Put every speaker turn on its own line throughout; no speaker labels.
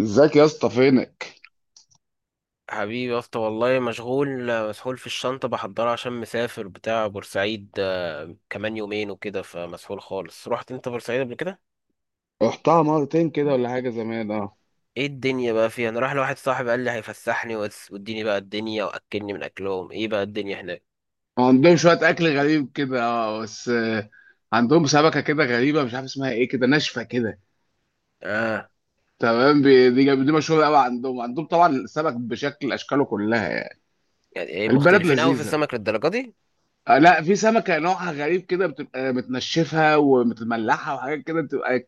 ازيك يا اسطى؟ فينك؟
حبيبي يا اسطى، والله مشغول. مسحول في الشنطة بحضرها عشان مسافر بتاع بورسعيد، كمان يومين وكده، فمسحول خالص. رحت انت بورسعيد قبل كده؟
رحتها مرتين كده ولا حاجه، زمان. اه.
ايه الدنيا بقى فيها؟ انا رايح لواحد صاحبي قال لي هيفسحني واديني بقى الدنيا واكلني من اكلهم. ايه بقى الدنيا هناك؟
عندهم شويه اكل غريب كده، اه، بس. عندهم سمكه كده غريبه، مش عارف اسمها ايه، كده ناشفه كده.
اه.
تمام. دي مشهوره قوي عندهم طبعا السمك بشكل، اشكاله كلها يعني.
يعني ايه
البلد
مختلفين قوي في
لذيذه.
السمك للدرجة دي؟
لا، في سمكه نوعها غريب كده، بتبقى متنشفه ومتملحه وحاجات كده، بتبقى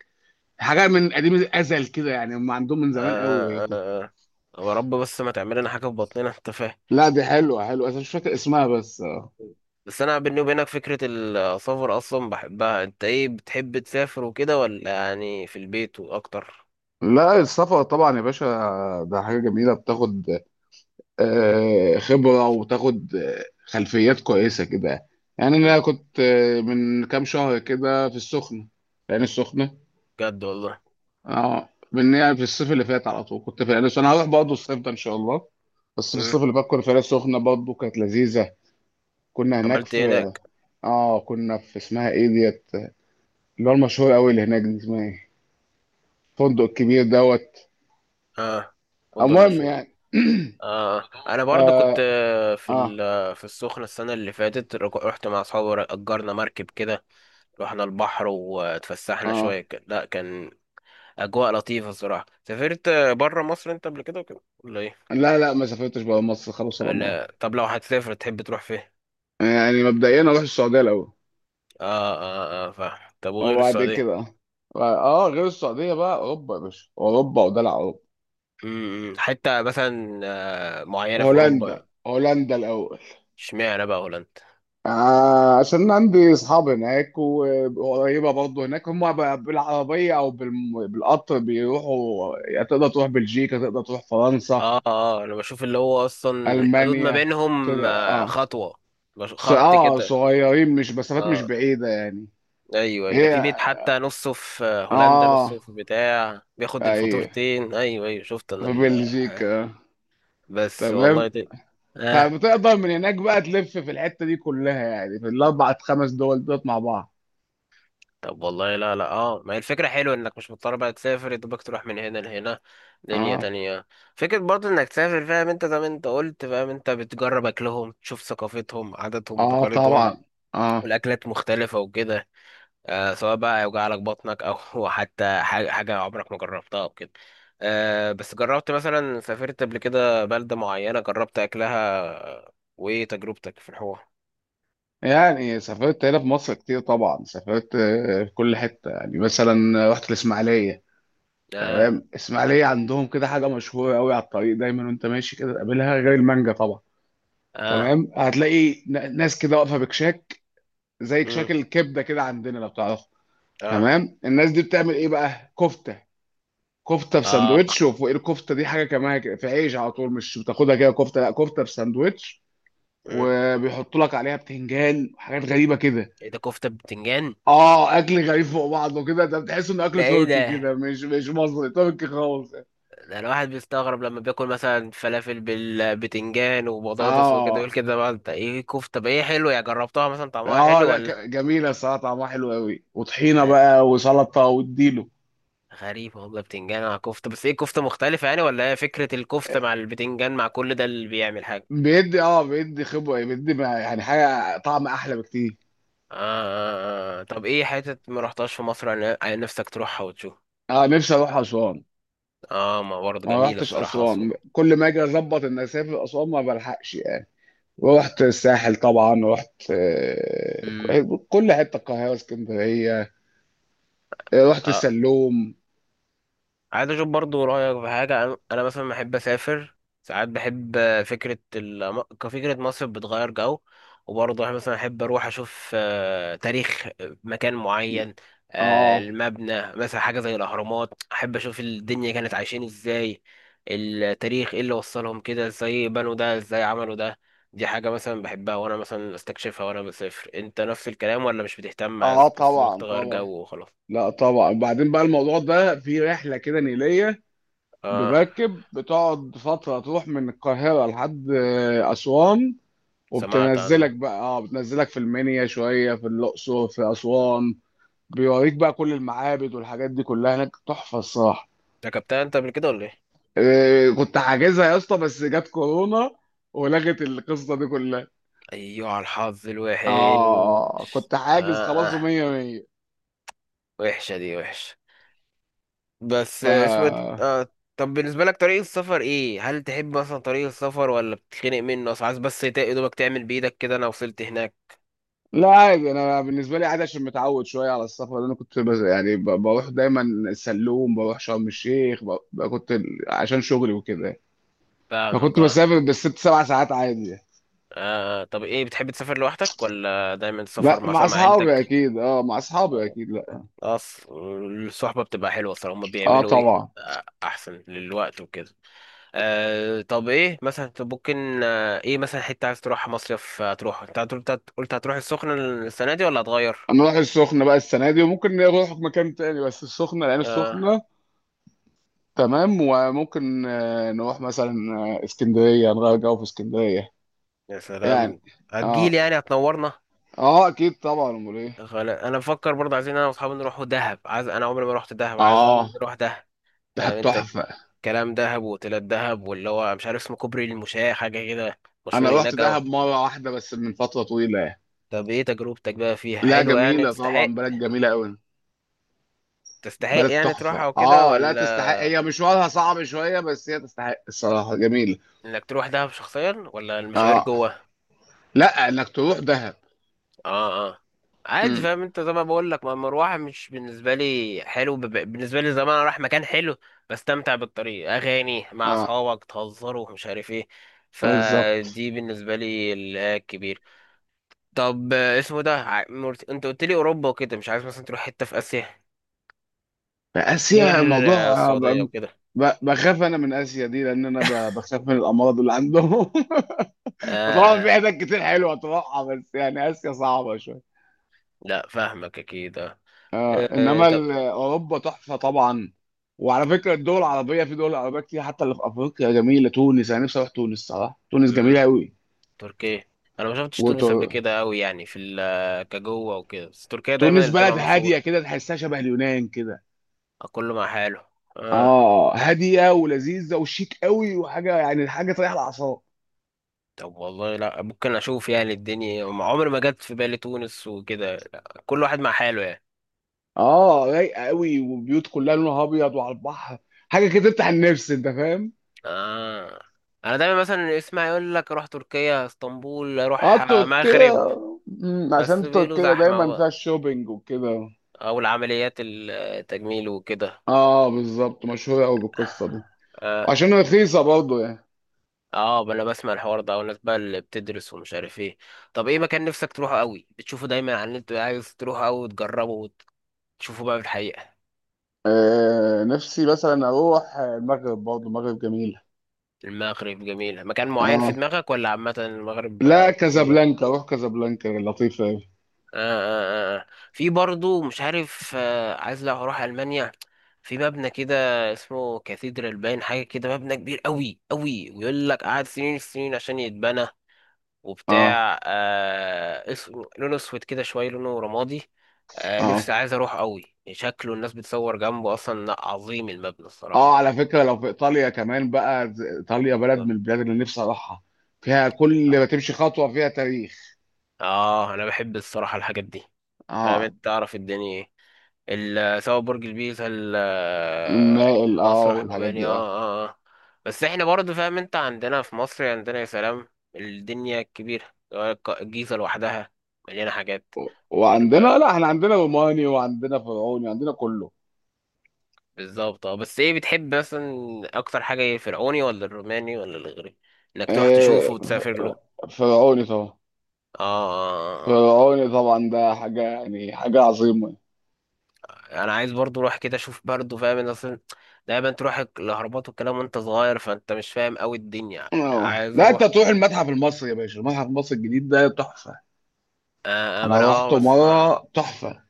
حاجه من قديم الازل كده، يعني هم عندهم من زمان قوي
آه آه
كده.
آه. هو رب بس ما تعمل لنا حاجة في بطننا، انت فاهم.
لا دي حلوه حلوه، انا مش فاكر اسمها بس. اه.
بس انا بيني وبينك فكرة السفر اصلا بحبها، انت ايه، بتحب تسافر وكده ولا يعني في البيت واكتر؟
لا، السفر طبعا يا باشا، ده حاجة جميلة، بتاخد خبرة، وبتاخد خلفيات كويسة كده. يعني أنا كنت من كام شهر كده في السخنة، في العين السخنة.
بجد والله.
اه، من يعني في الصيف اللي فات على طول كنت في العين السخنة. أنا هروح برضه الصيف ده إن شاء الله، بس في
مم.
الصيف اللي فات كنا في العين السخنة برضه، كانت لذيذة. كنا هناك
عملت ايه
في،
هناك؟
اه كنا في اسمها ايه ديت، اللي هو المشهور قوي اللي هناك، دي اسمها ايه، الفندق الكبير دوت.
اه. فندق
المهم
المشهور.
يعني.
اه، انا برضو كنت
اه.
في
اه,
في السخنه السنه اللي فاتت، رحت مع اصحابي، اجرنا مركب كده، رحنا البحر واتفسحنا
آه.
شويه كده. لا، كان اجواء لطيفه الصراحه. سافرت بره مصر انت قبل كده وكده ولا ايه؟
لا لا، ما سافرتش بقى مصر خلاص ولا مرة.
لا طب، لو هتسافر تحب تروح فين؟
يعني مبدئيا اروح السعودية الاول،
اه اه اه. فاهم. طب وغير
وبعد
السعوديه؟
كده، اه، غير السعودية بقى اوروبا يا باشا، اوروبا ودلع اوروبا.
امم، حته مثلا معينه في
هولندا
اوروبا؟
هولندا الاول.
اشمعنى بقى هولندا؟
آه، عشان عندي اصحاب هناك، وقريبه برضه هناك، هم بالعربيه او بالقطر بيروحوا يعني، تقدر تروح بلجيكا، تقدر تروح فرنسا،
اه اه. انا بشوف اللي هو اصلا الحدود ما
المانيا
بينهم
كده. اه.
خطوة، خط
اه
كده.
صغيرين، مش مسافات مش
اه.
بعيده يعني.
ايوه أيوة. ده
هي،
في بيت حتى نصه في هولندا،
اه،
نصه في بتاع، بياخد
اي،
الفاتورتين. ايوه ايوه، شفت انا
في
آه.
بلجيكا.
بس والله
تمام.
دي... اه.
فبتقدر من هناك بقى تلف في الحتة دي كلها يعني، في الأربع خمس دول دول مع بعض.
طب والله، لا لا، اه، ما هي الفكرة حلوة، انك مش مضطر بقى تسافر يا دوبك تروح من هنا لهنا. دنيا
اه،
تانية. فكرة برضه انك تسافر، فاهم انت، زي ما انت قلت، فاهم انت، بتجرب اكلهم، تشوف ثقافتهم، عاداتهم،
اه
تقاليدهم،
طبعا، اه.
والاكلات مختلفة وكده. سواء بقى يوجع لك بطنك او حتى حاجة عمرك ما جربتها او كده. بس جربت مثلا، سافرت قبل كده بلدة معينة، جربت اكلها؟ وايه تجربتك في الحوار؟
يعني سافرت هنا في مصر كتير طبعا، سافرت في كل حتة يعني، مثلا رحت الإسماعيلية. تمام.
اه.
الإسماعيلية عندهم كده حاجة مشهورة قوي على الطريق دايما، وأنت ماشي كده تقابلها، غير المانجا طبعا.
اه.
تمام. هتلاقي ناس كده واقفة بكشاك، زي كشاك
امم.
الكبدة كده عندنا، لو تعرفه.
اه.
تمام. الناس دي بتعمل إيه بقى؟ كفتة. كفته في
اه.
ساندوتش، وفوق الكفته دي حاجه كمان كده، في عيش على طول، مش بتاخدها كده كفته، لا كفته في ساندوتش.
امم.
وبيحطوا لك عليها بتنجان وحاجات غريبه كده.
ايه ده، كفتة بتنجان؟
اه، اكل غريب فوق بعضه كده، ده بتحس انه
ده
اكل
ايه
تركي كده،
ده؟
مش مصري، تركي خالص.
ده الواحد بيستغرب لما بياكل مثلا فلافل بالبتنجان وبطاطس وكده، يقول
اه.
كده بقى انت ايه، كفتة؟ بقى ايه، حلو؟ يا جربتها مثلا، طعمها
اه
حلو
لا،
ولا؟
جميله الصراحه، طعمها حلو قوي، وطحينه بقى وسلطه واديله.
غريب والله، بتنجان مع كفتة، بس ايه، كفتة مختلفة يعني ولا هي فكرة الكفتة مع البتنجان مع كل ده اللي بيعمل حاجة؟
بيدي، اه بيدي خبره بيدي يعني حاجه طعم احلى بكتير.
آه، آه، آه. آه. طب ايه حتة ما رحتهاش في مصر، عن نفسك تروحها وتشوف؟
اه، نفسي اروح اسوان.
اه، ما برضه
ما
جميلة
رحتش
الصراحة
اسوان،
أسوان.
كل ما اجي اظبط ان اسافر اسوان ما بلحقش. ورحت الساحل طبعا، رحت
امم.
كل حته، القاهره، اسكندريه. رحت السلوم.
عايز اشوف برضو رايك في حاجه، أنا مثلا بحب اسافر، ساعات بحب فكره كفكره مصر بتغير جو، وبرضه مثلا احب اروح اشوف تاريخ، مكان معين،
اه،
المبنى مثلا، حاجه زي الاهرامات، احب اشوف الدنيا كانت عايشين ازاي، التاريخ ايه اللي وصلهم، كده ازاي بنوا ده، ازاي عملوا ده. دي حاجه مثلا بحبها، وانا مثلا استكشفها وانا بسافر. انت نفس الكلام ولا مش بتهتم،
اه
عايز بس
طبعا
تغير جو
طبعا.
وخلاص؟
لا طبعا. بعدين بقى الموضوع ده في رحله كده نيليه،
اه.
بمركب، بتقعد فتره تروح من القاهره لحد اسوان.
سمعت
وبتنزلك
عنها.
بقى، اه بتنزلك في المنيا شويه، في الاقصر، في اسوان. بيوريك بقى كل المعابد والحاجات دي كلها هناك، تحفه الصراحه.
ركبتها انت قبل كده ولا ايه؟
إيه، كنت حاجزها يا اسطى بس جت كورونا، ولغت القصه دي كلها.
ايوه، على الحظ الوحش.
اه، كنت حاجز
اه
خلاص
اه.
ومية مية.
وحشه دي، وحشه.
ف
بس اسمه ايه ده؟ طب بالنسبه لك طريق السفر ايه، هل تحب مثلا طريق السفر ولا بتتخنق منه، اصل عايز بس يا دوبك تعمل بايدك كده، انا وصلت هناك؟
لا عادي، انا بالنسبه لي عادي، عشان متعود شويه على السفر، لأن انا كنت بز... يعني ب... بروح دايما السلوم، بروح شرم الشيخ كنت عشان شغلي وكده يعني.
فاهمك
فكنت
اه.
بسافر بالـ6 7 ساعات عادي يعني.
طب ايه، بتحب تسافر لوحدك ولا دايما تسافر
لا مع
مثلا مع
اصحابي
عيلتك؟
اكيد. اه مع اصحابي اكيد لا.
اصل الصحبة بتبقى حلوة الصراحة، هما
اه
بيعملوا ايه
طبعا.
احسن للوقت وكده. طب ايه مثلا، طب ممكن ايه مثلا، حتة عايز تروح مصيف، تروح انت أنت قلت هتروح السخنة السنة دي ولا هتغير؟
نروح السخنه بقى السنه دي، وممكن نروح مكان تاني، بس السخنه، لان
اه.
السخنه تمام. وممكن نروح مثلا اسكندرية، نغير جو في اسكندرية
يا
يعني.
سلام.
اه
هتجيلي يعني، هتنورنا.
اه اكيد طبعا، امال ايه.
انا بفكر برضه، عايزين انا واصحابي نروحوا دهب، عايز انا، عمري ما رحت دهب، عايز
اه.
نروح دهب.
ده
انت،
تحفة.
كلام دهب واوتيلات دهب، واللي هو مش عارف اسمه، كوبري المشاة حاجة كده،
انا
مشهور
رحت
هناك اوي.
دهب مرة واحدة بس، من فترة طويلة يعني.
طب ايه تجربتك بقى فيها،
لا
حلوة يعني،
جميلة
تستحق؟
طبعا، بلد جميلة قوي.
تستحق
بلد
يعني
تحفة
تروحها وكده
اه. لا
ولا؟
تستحق، هي مشوارها صعب شوية، بس هي تستحق الصراحة، جميلة.
انك تروح دهب شخصيا ولا المشاوير
اه.
جوه؟
لا انك تروح دهب.
اه اه. عادي،
امم.
فاهم انت، زي ما بقول لك، ما المروحه مش بالنسبه لي حلو، بالنسبه لي زمان انا رايح مكان حلو، بستمتع بالطريق، اغاني مع
اه
اصحابك، تهزروا ومش عارف ايه.
بالظبط.
فدي بالنسبه لي الكبير. طب اسمه ده، انت قلت لي اوروبا وكده، مش عايز مثلا تروح حته في اسيا غير
اسيا الموضوع، آه،
السعوديه
ب-
وكده؟
بخاف انا من اسيا دي، لان انا بخاف من الامراض اللي عندهم. فطبعا
اه
في
اه.
حتت كتير حلوه تروحها، بس يعني اسيا صعبه شويه.
لا فاهمك اكيد، اه.
آه،
آه، آه.
انما
طب،
اوروبا تحفه طبعا. وعلى فكره الدول العربيه، في دول عربيه كتير حتى اللي في افريقيا جميله، تونس، انا نفسي اروح تونس صراحه، تونس جميله
مم،
قوي.
تركيا. انا ما شفتش تونس قبل
وتونس
كده قوي يعني في كجوه وكده، بس تركيا دايما اللي تبقى
بلد هاديه
مشهوره.
كده، تحسها شبه اليونان كده.
كله مع حاله. اه.
اه، هاديه ولذيذه وشيك قوي، وحاجه يعني حاجه تريح الاعصاب.
طب والله، لا، ممكن اشوف يعني الدنيا، ما عمري ما جت في بالي تونس وكده، لا، كل واحد مع حاله يعني.
اه، رايقه قوي، وبيوت كلها لونها ابيض، وعلى البحر، حاجه كده تفتح النفس انت فاهم.
اه. انا دايما مثلا اسمع يقول لك اروح تركيا، اسطنبول،
اه،
اروح
تركيا.
مغرب. بس
عشان
بيقولوا
تركيا
زحمه
دايما فيها
بقى،
الشوبينج وكده.
او العمليات التجميل وكده.
اه بالظبط، مشهوره قوي بالقصه دي،
اه
وعشان رخيصه برضه يعني.
اه. بقى انا بسمع الحوار ده والناس بقى اللي بتدرس ومش عارف ايه. طب ايه مكان نفسك تروحه قوي، بتشوفه دايما على النت، عايز تروحه قوي وتجربه وتشوفه بقى في الحقيقه؟
آه، نفسي مثلا اروح المغرب، برضه المغرب جميله.
المغرب جميلة. مكان معين في
اه
دماغك ولا عامة المغرب؟
لا،
آه.
كازابلانكا، روح كازابلانكا لطيفه قوي.
آه آه آه. في برضو مش عارف، عايز لو هروح ألمانيا، في مبنى كده اسمه كاثيدرال باين حاجة كده، مبنى كبير قوي قوي، ويقول لك قعد سنين السنين عشان يتبنى،
اه
وبتاع اسمه، لونه اسود كده شوية، لونه رمادي.
اه
نفسي عايز اروح قوي، شكله الناس بتصور جنبه اصلا. لأ، عظيم المبنى الصراحة.
اه. على فكره لو في ايطاليا كمان بقى، ايطاليا بلد من البلاد اللي نفسي اروحها، فيها كل ما تمشي خطوه فيها تاريخ.
اه، انا بحب الصراحة الحاجات دي، فاهم
اه،
انت، تعرف الدنيا ايه، سواء برج البيزا،
المائل اه،
المسرح،
والحاجات
المباني، اه.
دي اه.
اه اه. بس احنا برضه، فاهم انت، عندنا في مصر عندنا يا سلام الدنيا الكبيرة، الجيزة لوحدها مليانة حاجات.
وعندنا،
أربع-
لا احنا عندنا روماني وعندنا فرعوني، عندنا كله.
بالظبط، اه، بس ايه بتحب مثلا اكتر حاجة، ايه، الفرعوني ولا الروماني ولا الاغريقي، انك تروح تشوفه
إيه،
وتسافر له؟
فرعوني طبعا.
اه، آه، آه.
فرعوني طبعا، ده حاجة يعني حاجة عظيمة.
آه. انا عايز برضه اروح كده، اشوف برضه، فاهم انت، اصلا دايما تروح الاهرامات والكلام وانت صغير، فانت مش فاهم قوي الدنيا،
اه
عايز
لا، انت
اروح.
تروح المتحف المصري يا باشا، المتحف المصري الجديد ده تحفة.
آه. ما انا
انا
اه
رحته
بسمع.
مرة، تحفة.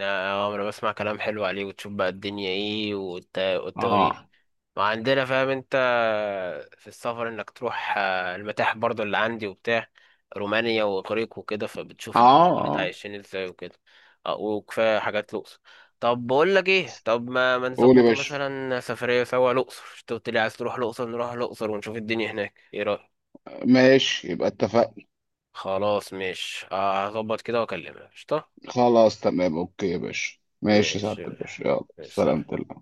اه. ما انا بسمع كلام حلو عليه، وتشوف بقى الدنيا ايه،
اه
والتواريخ
اه
ما عندنا، فاهم انت، في السفر، انك تروح المتاحف برضو اللي عندي وبتاع، رومانيا واغريق وكده، فبتشوف الدنيا كانت
اه.
عايشين ازاي وكده. آه، وكفايه حاجات الاقصر. طب بقول لك ايه، طب ما
قول يا
نظبطه
باشا.
مثلا سفريه سوا الاقصر، انت قلت لي عايز تروح الاقصر، نروح الاقصر ونشوف الدنيا هناك، ايه رايك؟
ماشي، يبقى اتفقنا.
خلاص، مش هظبط كده واكلمك، قشطه.
خلاص تمام، اوكي يا باشا، ماشي يا سعادة
ماشي.
الباشا، يلا
ماشي، سلام.
سلامتك.